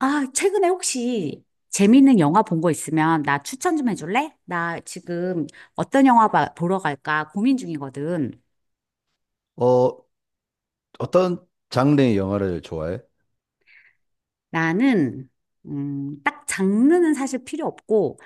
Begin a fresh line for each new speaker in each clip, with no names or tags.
아, 최근에 혹시 재밌는 영화 본 거 있으면 나 추천 좀 해줄래? 나 지금 어떤 영화 보러 갈까 고민 중이거든.
어, 어떤 장르의 영화를 좋아해?
나는, 딱 장르는 사실 필요 없고,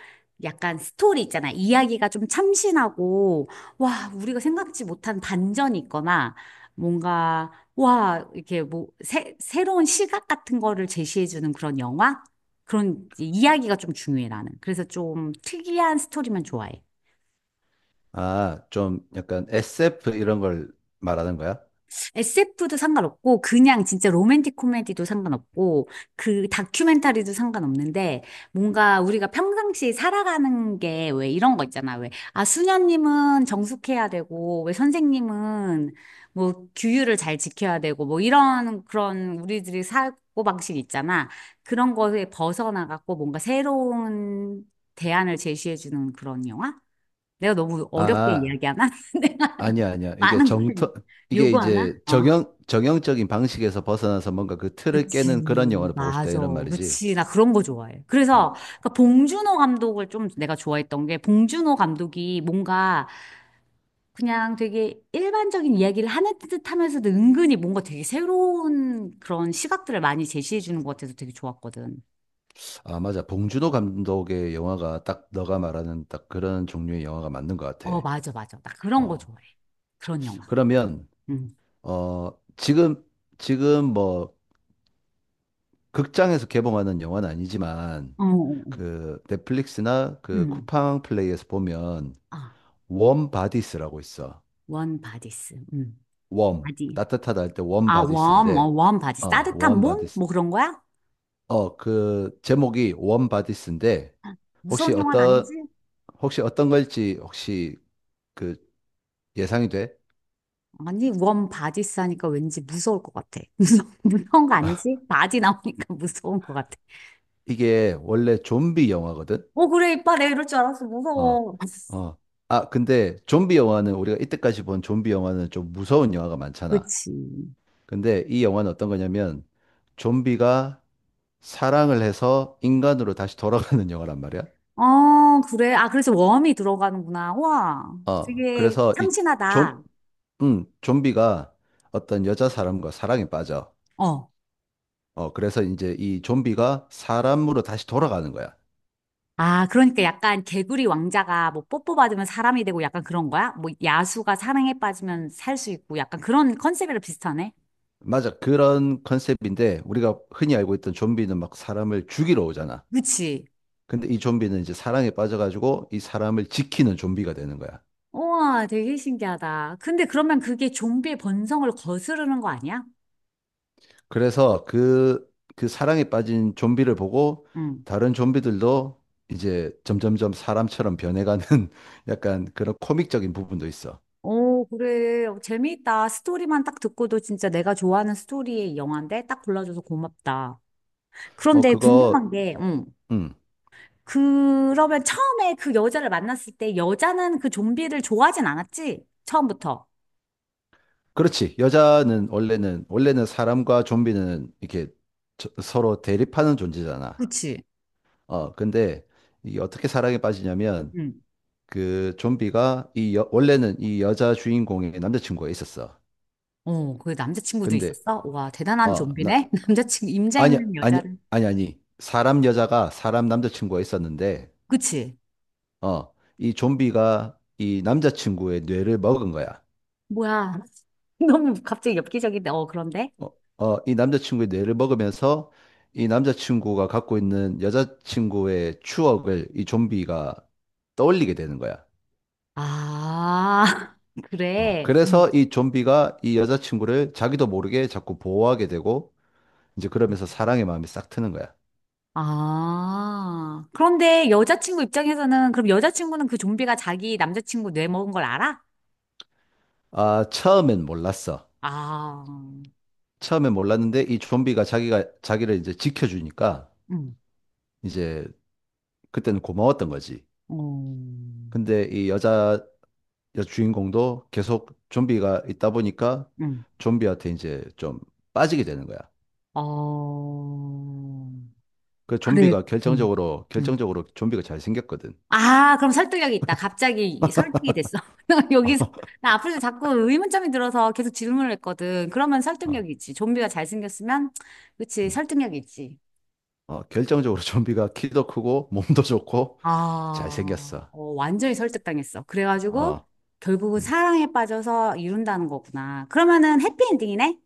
약간 스토리 있잖아. 이야기가 좀 참신하고, 와, 우리가 생각지 못한 반전이 있거나, 뭔가, 와, 이렇게 뭐, 새로운 시각 같은 거를 제시해주는 그런 영화? 그런 이야기가 좀 중요해, 나는. 그래서 좀 특이한 스토리만 좋아해.
아, 좀 약간 SF 이런 걸 말하는 거야?
SF도 상관없고, 그냥 진짜 로맨틱 코미디도 상관없고, 그 다큐멘터리도 상관없는데, 뭔가 우리가 평상시 살아가는 게 왜 이런 거 있잖아. 왜, 아, 수녀님은 정숙해야 되고, 왜 선생님은 뭐 규율을 잘 지켜야 되고, 뭐 이런 그런 우리들이 사고 방식 있잖아. 그런 거에 벗어나갖고 뭔가 새로운 대안을 제시해주는 그런 영화? 내가 너무 어렵게
아,
이야기하나? 내가
아니야, 아니야.
많은 걸
이게
요구하나?
이제
어.
정형적인 방식에서 벗어나서 뭔가 그 틀을
그치,
깨는 그런 영화를 보고 싶다
맞아.
이런 말이지.
그치, 나 그런 거 좋아해.
어.
그래서, 그 봉준호 감독을 좀 내가 좋아했던 게, 봉준호 감독이 뭔가 그냥 되게 일반적인 이야기를 하는 듯 하면서도 은근히 뭔가 되게 새로운 그런 시각들을 많이 제시해 주는 것 같아서 되게 좋았거든.
아, 맞아. 봉준호 감독의 영화가 딱 너가 말하는 딱 그런 종류의 영화가 맞는 것 같아.
어, 맞아, 맞아. 나 그런 거
어.
좋아해. 그런 영화.
그러면,
응.
어, 지금, 지금 뭐, 극장에서 개봉하는 영화는 아니지만,
어, 어, 어.
그 넷플릭스나 그
응.
쿠팡 플레이에서 보면
아,
웜 바디스라고 있어.
원 바디스. 응.
웜.
바디.
따뜻하다 할 때 웜
아, 원, 어,
바디스인데
원 바디스.
어,
따뜻한
웜
몸?
바디스.
뭐 그런 거야?
어, 그 제목이 웜 바디스인데 혹시
무서운 영화는
어떤
아니지?
혹시 어떤 걸지 혹시 그 예상이 돼?
아니, 원 바디 싸니까 왠지 무서울 것 같아. 무서운 거 아니지? 바디 나오니까 무서운 것 같아.
이게 원래 좀비 영화거든.
어, 그래, 이빨 내 이럴 줄 알았어.
어.
무서워.
어. 아, 근데 좀비 영화는 우리가 이때까지 본 좀비 영화는 좀 무서운 영화가 많잖아.
그치.
근데 이 영화는 어떤 거냐면 좀비가 사랑을 해서 인간으로 다시 돌아가는 영화란 말이야.
어, 그래. 아, 그래서 웜이 들어가는구나. 와,
어,
되게
그래서 이
참신하다.
좀, 좀비가 어떤 여자 사람과 사랑에 빠져.
어.
어, 그래서 이제 이 좀비가 사람으로 다시 돌아가는 거야.
아, 그러니까 약간 개구리 왕자가 뭐 뽀뽀 받으면 사람이 되고 약간 그런 거야? 뭐 야수가 사랑에 빠지면 살 수 있고 약간 그런 컨셉이랑 비슷하네?
맞아. 그런 컨셉인데 우리가 흔히 알고 있던 좀비는 막 사람을 죽이러 오잖아.
그치.
근데 이 좀비는 이제 사랑에 빠져가지고 이 사람을 지키는 좀비가 되는 거야.
우와, 되게 신기하다. 근데 그러면 그게 좀비의 본성을 거스르는 거 아니야?
그래서 그, 그 사랑에 빠진 좀비를 보고
응.
다른 좀비들도 이제 점점점 사람처럼 변해가는 약간 그런 코믹적인 부분도 있어.
오, 그래. 어, 재미있다. 스토리만 딱 듣고도 진짜 내가 좋아하는 스토리의 영화인데 딱 골라줘서 고맙다.
어,
그런데
그거,
궁금한 게, 응.
음,
그러면 처음에 그 여자를 만났을 때 여자는 그 좀비를 좋아하진 않았지? 처음부터.
그렇지. 원래는 사람과 좀비는 이렇게 서로 대립하는 존재잖아.
그치?
어, 근데 이게 어떻게 사랑에 빠지냐면
응.
그 좀비가 원래는 이 여자 주인공의 남자친구가 있었어.
어, 그 남자친구도
근데,
있었어? 와, 대단한
어, 나,
좀비네? 남자친구, 임자
아니,
있는
아니,
여자를.
아니, 아니. 사람 여자가 사람 남자친구가 있었는데,
그치?
어, 이 좀비가 이 남자친구의 뇌를 먹은 거야.
뭐야. 너무 갑자기 엽기적인데, 어, 그런데?
어, 이 남자친구의 뇌를 먹으면서 이 남자친구가 갖고 있는 여자친구의 추억을 이 좀비가 떠올리게 되는 거야.
아,
어,
그래.
그래서
응.
이 좀비가 이 여자친구를 자기도 모르게 자꾸 보호하게 되고, 이제 그러면서 사랑의 마음이 싹 트는 거야.
아, 그런데 여자친구 입장에서는, 그럼 여자친구는 그 좀비가 자기 남자친구 뇌 먹은 걸 알아?
아, 처음엔 몰랐어.
아,
처음엔 몰랐는데 이 좀비가 자기를 이제 지켜주니까,
응.
이제 그때는 고마웠던 거지.
음,
근데 이 여자, 여주인공도 계속 좀비가 있다 보니까
응.
좀비한테 이제 좀 빠지게 되는 거야.
어,
그
그래,
좀비가
응.
결정적으로
응.
결정적으로 좀비가 잘 생겼거든.
아, 그럼 설득력이 있다. 갑자기 설득이 됐어. 나 여기서, 나 앞으로 자꾸 의문점이 들어서 계속 질문을 했거든. 그러면
어,
설득력이 있지. 좀비가 잘생겼으면, 그치,
음.
설득력이 있지.
어, 결정적으로 좀비가 키도 크고 몸도 좋고 잘
아,
생겼어.
어, 완전히 설득당했어. 그래가지고
어,
결국은
음.
사랑에 빠져서 이룬다는 거구나. 그러면은 해피엔딩이네?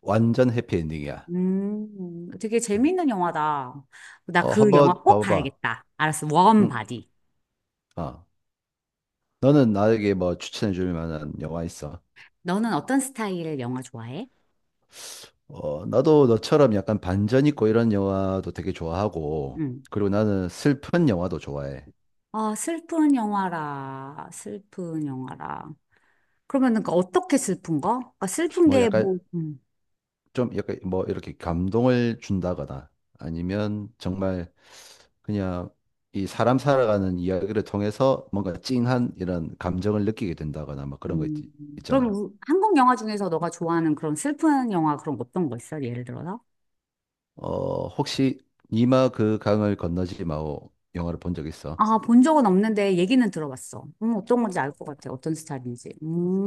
완전 해피엔딩이야.
되게
음.
재미있는 영화다. 나
어,
그 영화
한번
꼭
봐봐봐.
봐야겠다. 알았어. 원
응?
바디.
어. 너는 나에게 뭐 추천해 줄 만한 영화 있어?
너는 어떤 스타일의 영화 좋아해?
어, 나도 너처럼 약간 반전 있고 이런 영화도 되게 좋아하고,
응.
그리고 나는 슬픈 영화도 좋아해.
아, 슬픈 영화라. 슬픈 영화라. 그러면은 그 어떻게 슬픈 거? 그러니까 슬픈
뭐
게
약간
뭐,
좀 약간 뭐 이렇게 감동을 준다거나 아니면 정말 그냥 이 사람 살아가는 이야기를 통해서 뭔가 찡한 이런 감정을 느끼게 된다거나 뭐 그런 거 있,
음. 그럼
잖아.
한국 영화 중에서 너가 좋아하는 그런 슬픈 영화 그런 거 어떤 거 있어? 예를 들어서?
어, 혹시 니마 그 강을 건너지 마오 영화를 본 적 있어?
아, 본 적은 없는데 얘기는 들어봤어. 어떤 건지 알 것 같아. 어떤 스타일인지.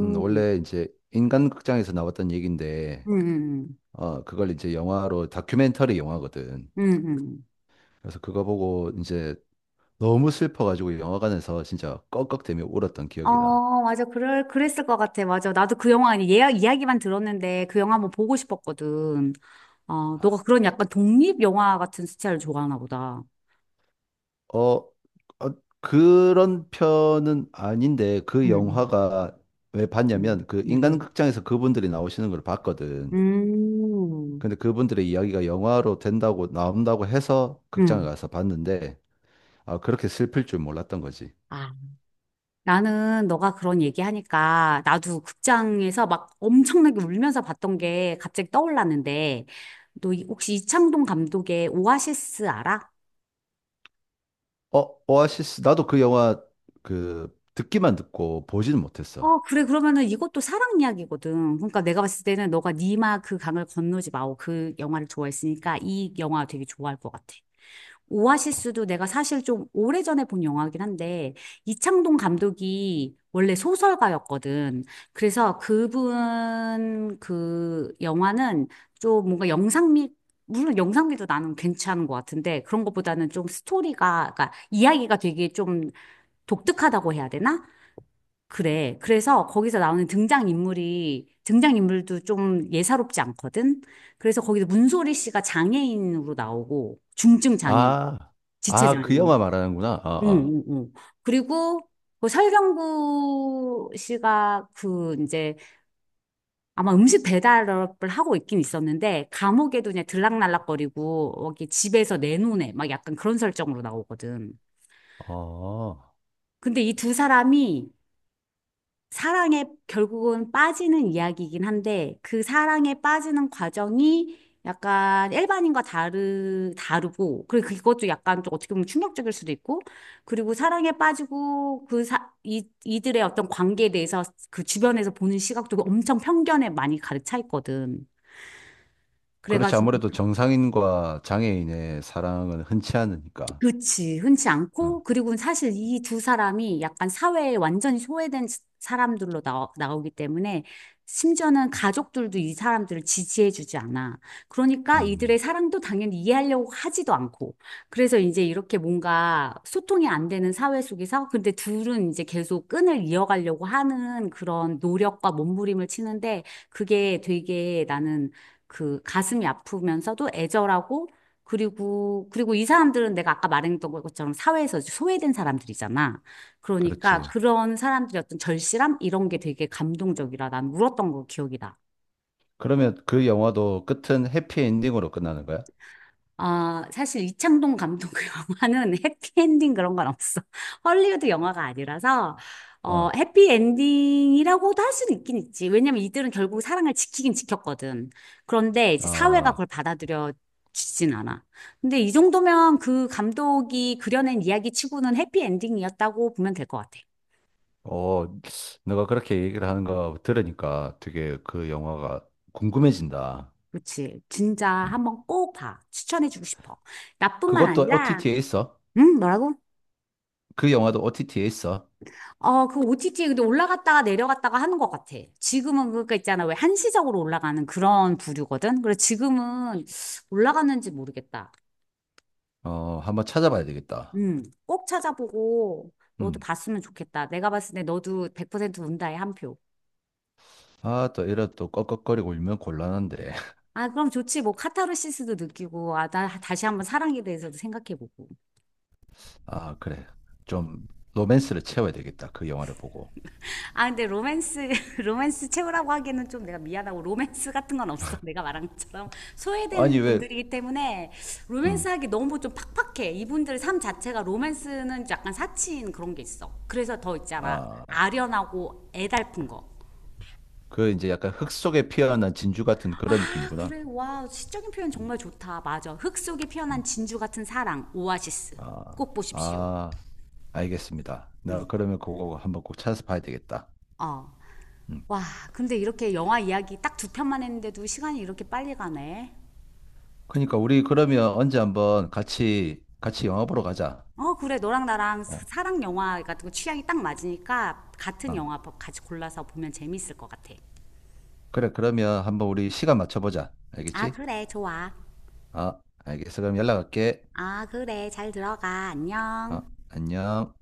원래 이제 인간극장에서 나왔던 얘기인데
음, 음,
어, 그걸 이제 영화로 다큐멘터리 영화거든.
음.
그래서 그거 보고 이제 너무 슬퍼가지고 영화관에서 진짜 꺽꺽대며 울었던 기억이 나.
어, 맞아. 그랬을 것 같아. 맞아. 나도 그 영화, 아니, 예약, 이야기만 들었는데 그 영화 한번 보고 싶었거든. 어, 너가 그런 약간 독립 영화 같은 스타일을 좋아하나 보다.
어, 어, 그런 편은 아닌데 그
음,
영화가 왜
음,
봤냐면 그
음, 음.
인간극장에서 그분들이 나오시는 걸 봤거든.
음.
근데 그분들의 이야기가 영화로 된다고 나온다고 해서
음.
극장에
음.
가서 봤는데 아, 그렇게 슬플 줄 몰랐던 거지.
아, 나는 너가 그런 얘기하니까 나도 극장에서 막 엄청나게 울면서 봤던 게 갑자기 떠올랐는데 너 혹시 이창동 감독의 오아시스 알아?
어, 오아시스 나도 그 영화 그 듣기만 듣고 보지는 못했어.
어, 그래. 그러면은 이것도 사랑 이야기거든. 그러니까 내가 봤을 때는 너가 니마 그 강을 건너지 마오 그 영화를 좋아했으니까 이 영화 되게 좋아할 것 같아. 오아시스도 내가 사실 좀 오래전에 본 영화긴 한데, 이창동 감독이 원래 소설가였거든. 그래서 그분 그 영화는 좀 뭔가 영상미, 물론 영상미도 나는 괜찮은 것 같은데, 그런 것보다는 좀 스토리가, 그러니까 이야기가 되게 좀 독특하다고 해야 되나? 그래. 그래서 거기서 나오는 등장인물도 좀 예사롭지 않거든? 그래서 거기서 문소리 씨가 장애인으로 나오고, 중증 장애인.
아,
지체
아,
장
그
는
영화 말하는구나.
응,
아,
응, 응. 그리고 그 설경구 씨가 그 이제 아마 음식 배달업을 하고 있긴 있었는데 감옥에도 그냥 들락날락거리고 여기 집에서 내놓네 막 약간 그런 설정으로 나오거든.
아. 어.
근데 이 두 사람이 사랑에 결국은 빠지는 이야기이긴 한데 그 사랑에 빠지는 과정이 약간 일반인과 다르고 그리고 그것도 약간 좀 어떻게 보면 충격적일 수도 있고 그리고 사랑에 빠지고 그 사, 이, 이들의 어떤 관계에 대해서 그 주변에서 보는 시각도 엄청 편견에 많이 가득 차 있거든.
그렇지.
그래가지고
아무래도 정상인과 장애인의 사랑은 흔치 않으니까.
그치. 흔치 않고,
어.
그리고 사실 이 두 사람이 약간 사회에 완전히 소외된 사람들로 나오기 때문에, 심지어는 가족들도 이 사람들을 지지해주지 않아. 그러니까 이들의
음,
사랑도 당연히 이해하려고 하지도 않고. 그래서 이제 이렇게 뭔가 소통이 안 되는 사회 속에서, 근데 둘은 이제 계속 끈을 이어가려고 하는 그런 노력과 몸부림을 치는데, 그게 되게 나는 그 가슴이 아프면서도 애절하고 그리고 이 사람들은 내가 아까 말했던 것처럼 사회에서 소외된 사람들이잖아. 그러니까
그렇지.
그런 사람들의 어떤 절실함? 이런 게 되게 감동적이라 난 울었던 거 기억이 나.
그러면 그 영화도 끝은 해피엔딩으로 끝나는 거야?
어, 사실 이창동 감독 영화는 해피엔딩 그런 건 없어. 헐리우드 영화가 아니라서, 어,
아,
해피엔딩이라고도 할 수는 있긴 있지. 왜냐면 이들은 결국 사랑을 지키긴 지켰거든. 그런데 이제 사회가
아,
그걸 받아들여 주진 않아. 근데 이 정도면 그 감독이 그려낸 이야기 치고는 해피엔딩이었다고 보면 될 것 같아.
어, 너가 그렇게 얘기를 하는 거 들으니까 되게 그 영화가 궁금해진다.
그렇지. 진짜
음.
한번 꼭 봐. 추천해주고 싶어. 나뿐만
그것도
아니라,
OTT에 있어?
응? 뭐라고?
그 영화도 OTT에 있어?
어, 그 OTT에 근데 올라갔다가 내려갔다가 하는 것 같아. 지금은 그거 있잖아. 왜 한시적으로 올라가는 그런 부류거든? 그래서 지금은 올라갔는지 모르겠다.
어, 한번 찾아봐야 되겠다.
꼭 찾아보고 너도
음.
봤으면 좋겠다. 내가 봤을 때 너도 100% 운다에 한 표.
아, 또 이래 또 꺽꺽거리고 울면 곤란한데.
아, 그럼 좋지. 뭐 카타르시스도 느끼고, 아, 나 다시 한번 사랑에 대해서도 생각해보고.
아, 그래. 좀 로맨스를 채워야 되겠다. 그 영화를 보고.
아 근데 로맨스 로맨스 최고라고 하기에는 좀 내가 미안하고 로맨스 같은 건 없어. 내가 말한 것처럼
아니,
소외된
왜,
분들이기 때문에 로맨스
음,
하기 너무 좀 팍팍해. 이분들 삶 자체가 로맨스는 약간 사치인 그런 게 있어. 그래서 더 있잖아,
아,
아련하고 애달픈 거.
그 이제 약간 흙 속에 피어난 진주 같은 그런
아,
느낌이구나.
그래. 와, 시적인 표현
음,
정말 좋다. 맞아, 흙 속에 피어난
음.
진주 같은 사랑, 오아시스.
아,
꼭 보십시오.
아, 알겠습니다. 나 그러면 그거 한번 꼭 찾아서 봐야 되겠다.
어.
음.
와, 근데 이렇게 영화 이야기 딱 두 편만 했는데도 시간이 이렇게 빨리 가네.
그러니까 우리 그러면 언제 한번 같이, 같이 영화 보러 가자.
어, 그래. 너랑 나랑
어,
랑 영화 같은 거 취향이 딱 맞으니까 같은
아,
영화 같이 골라서 보면 재밌을 것 같아.
그래. 그러면 한번 우리 시간 맞춰보자.
아,
알겠지?
그래, 좋아.
아, 알겠어. 그럼 연락할게.
아, 그래, 잘 들어가.
아,
안녕.
안녕.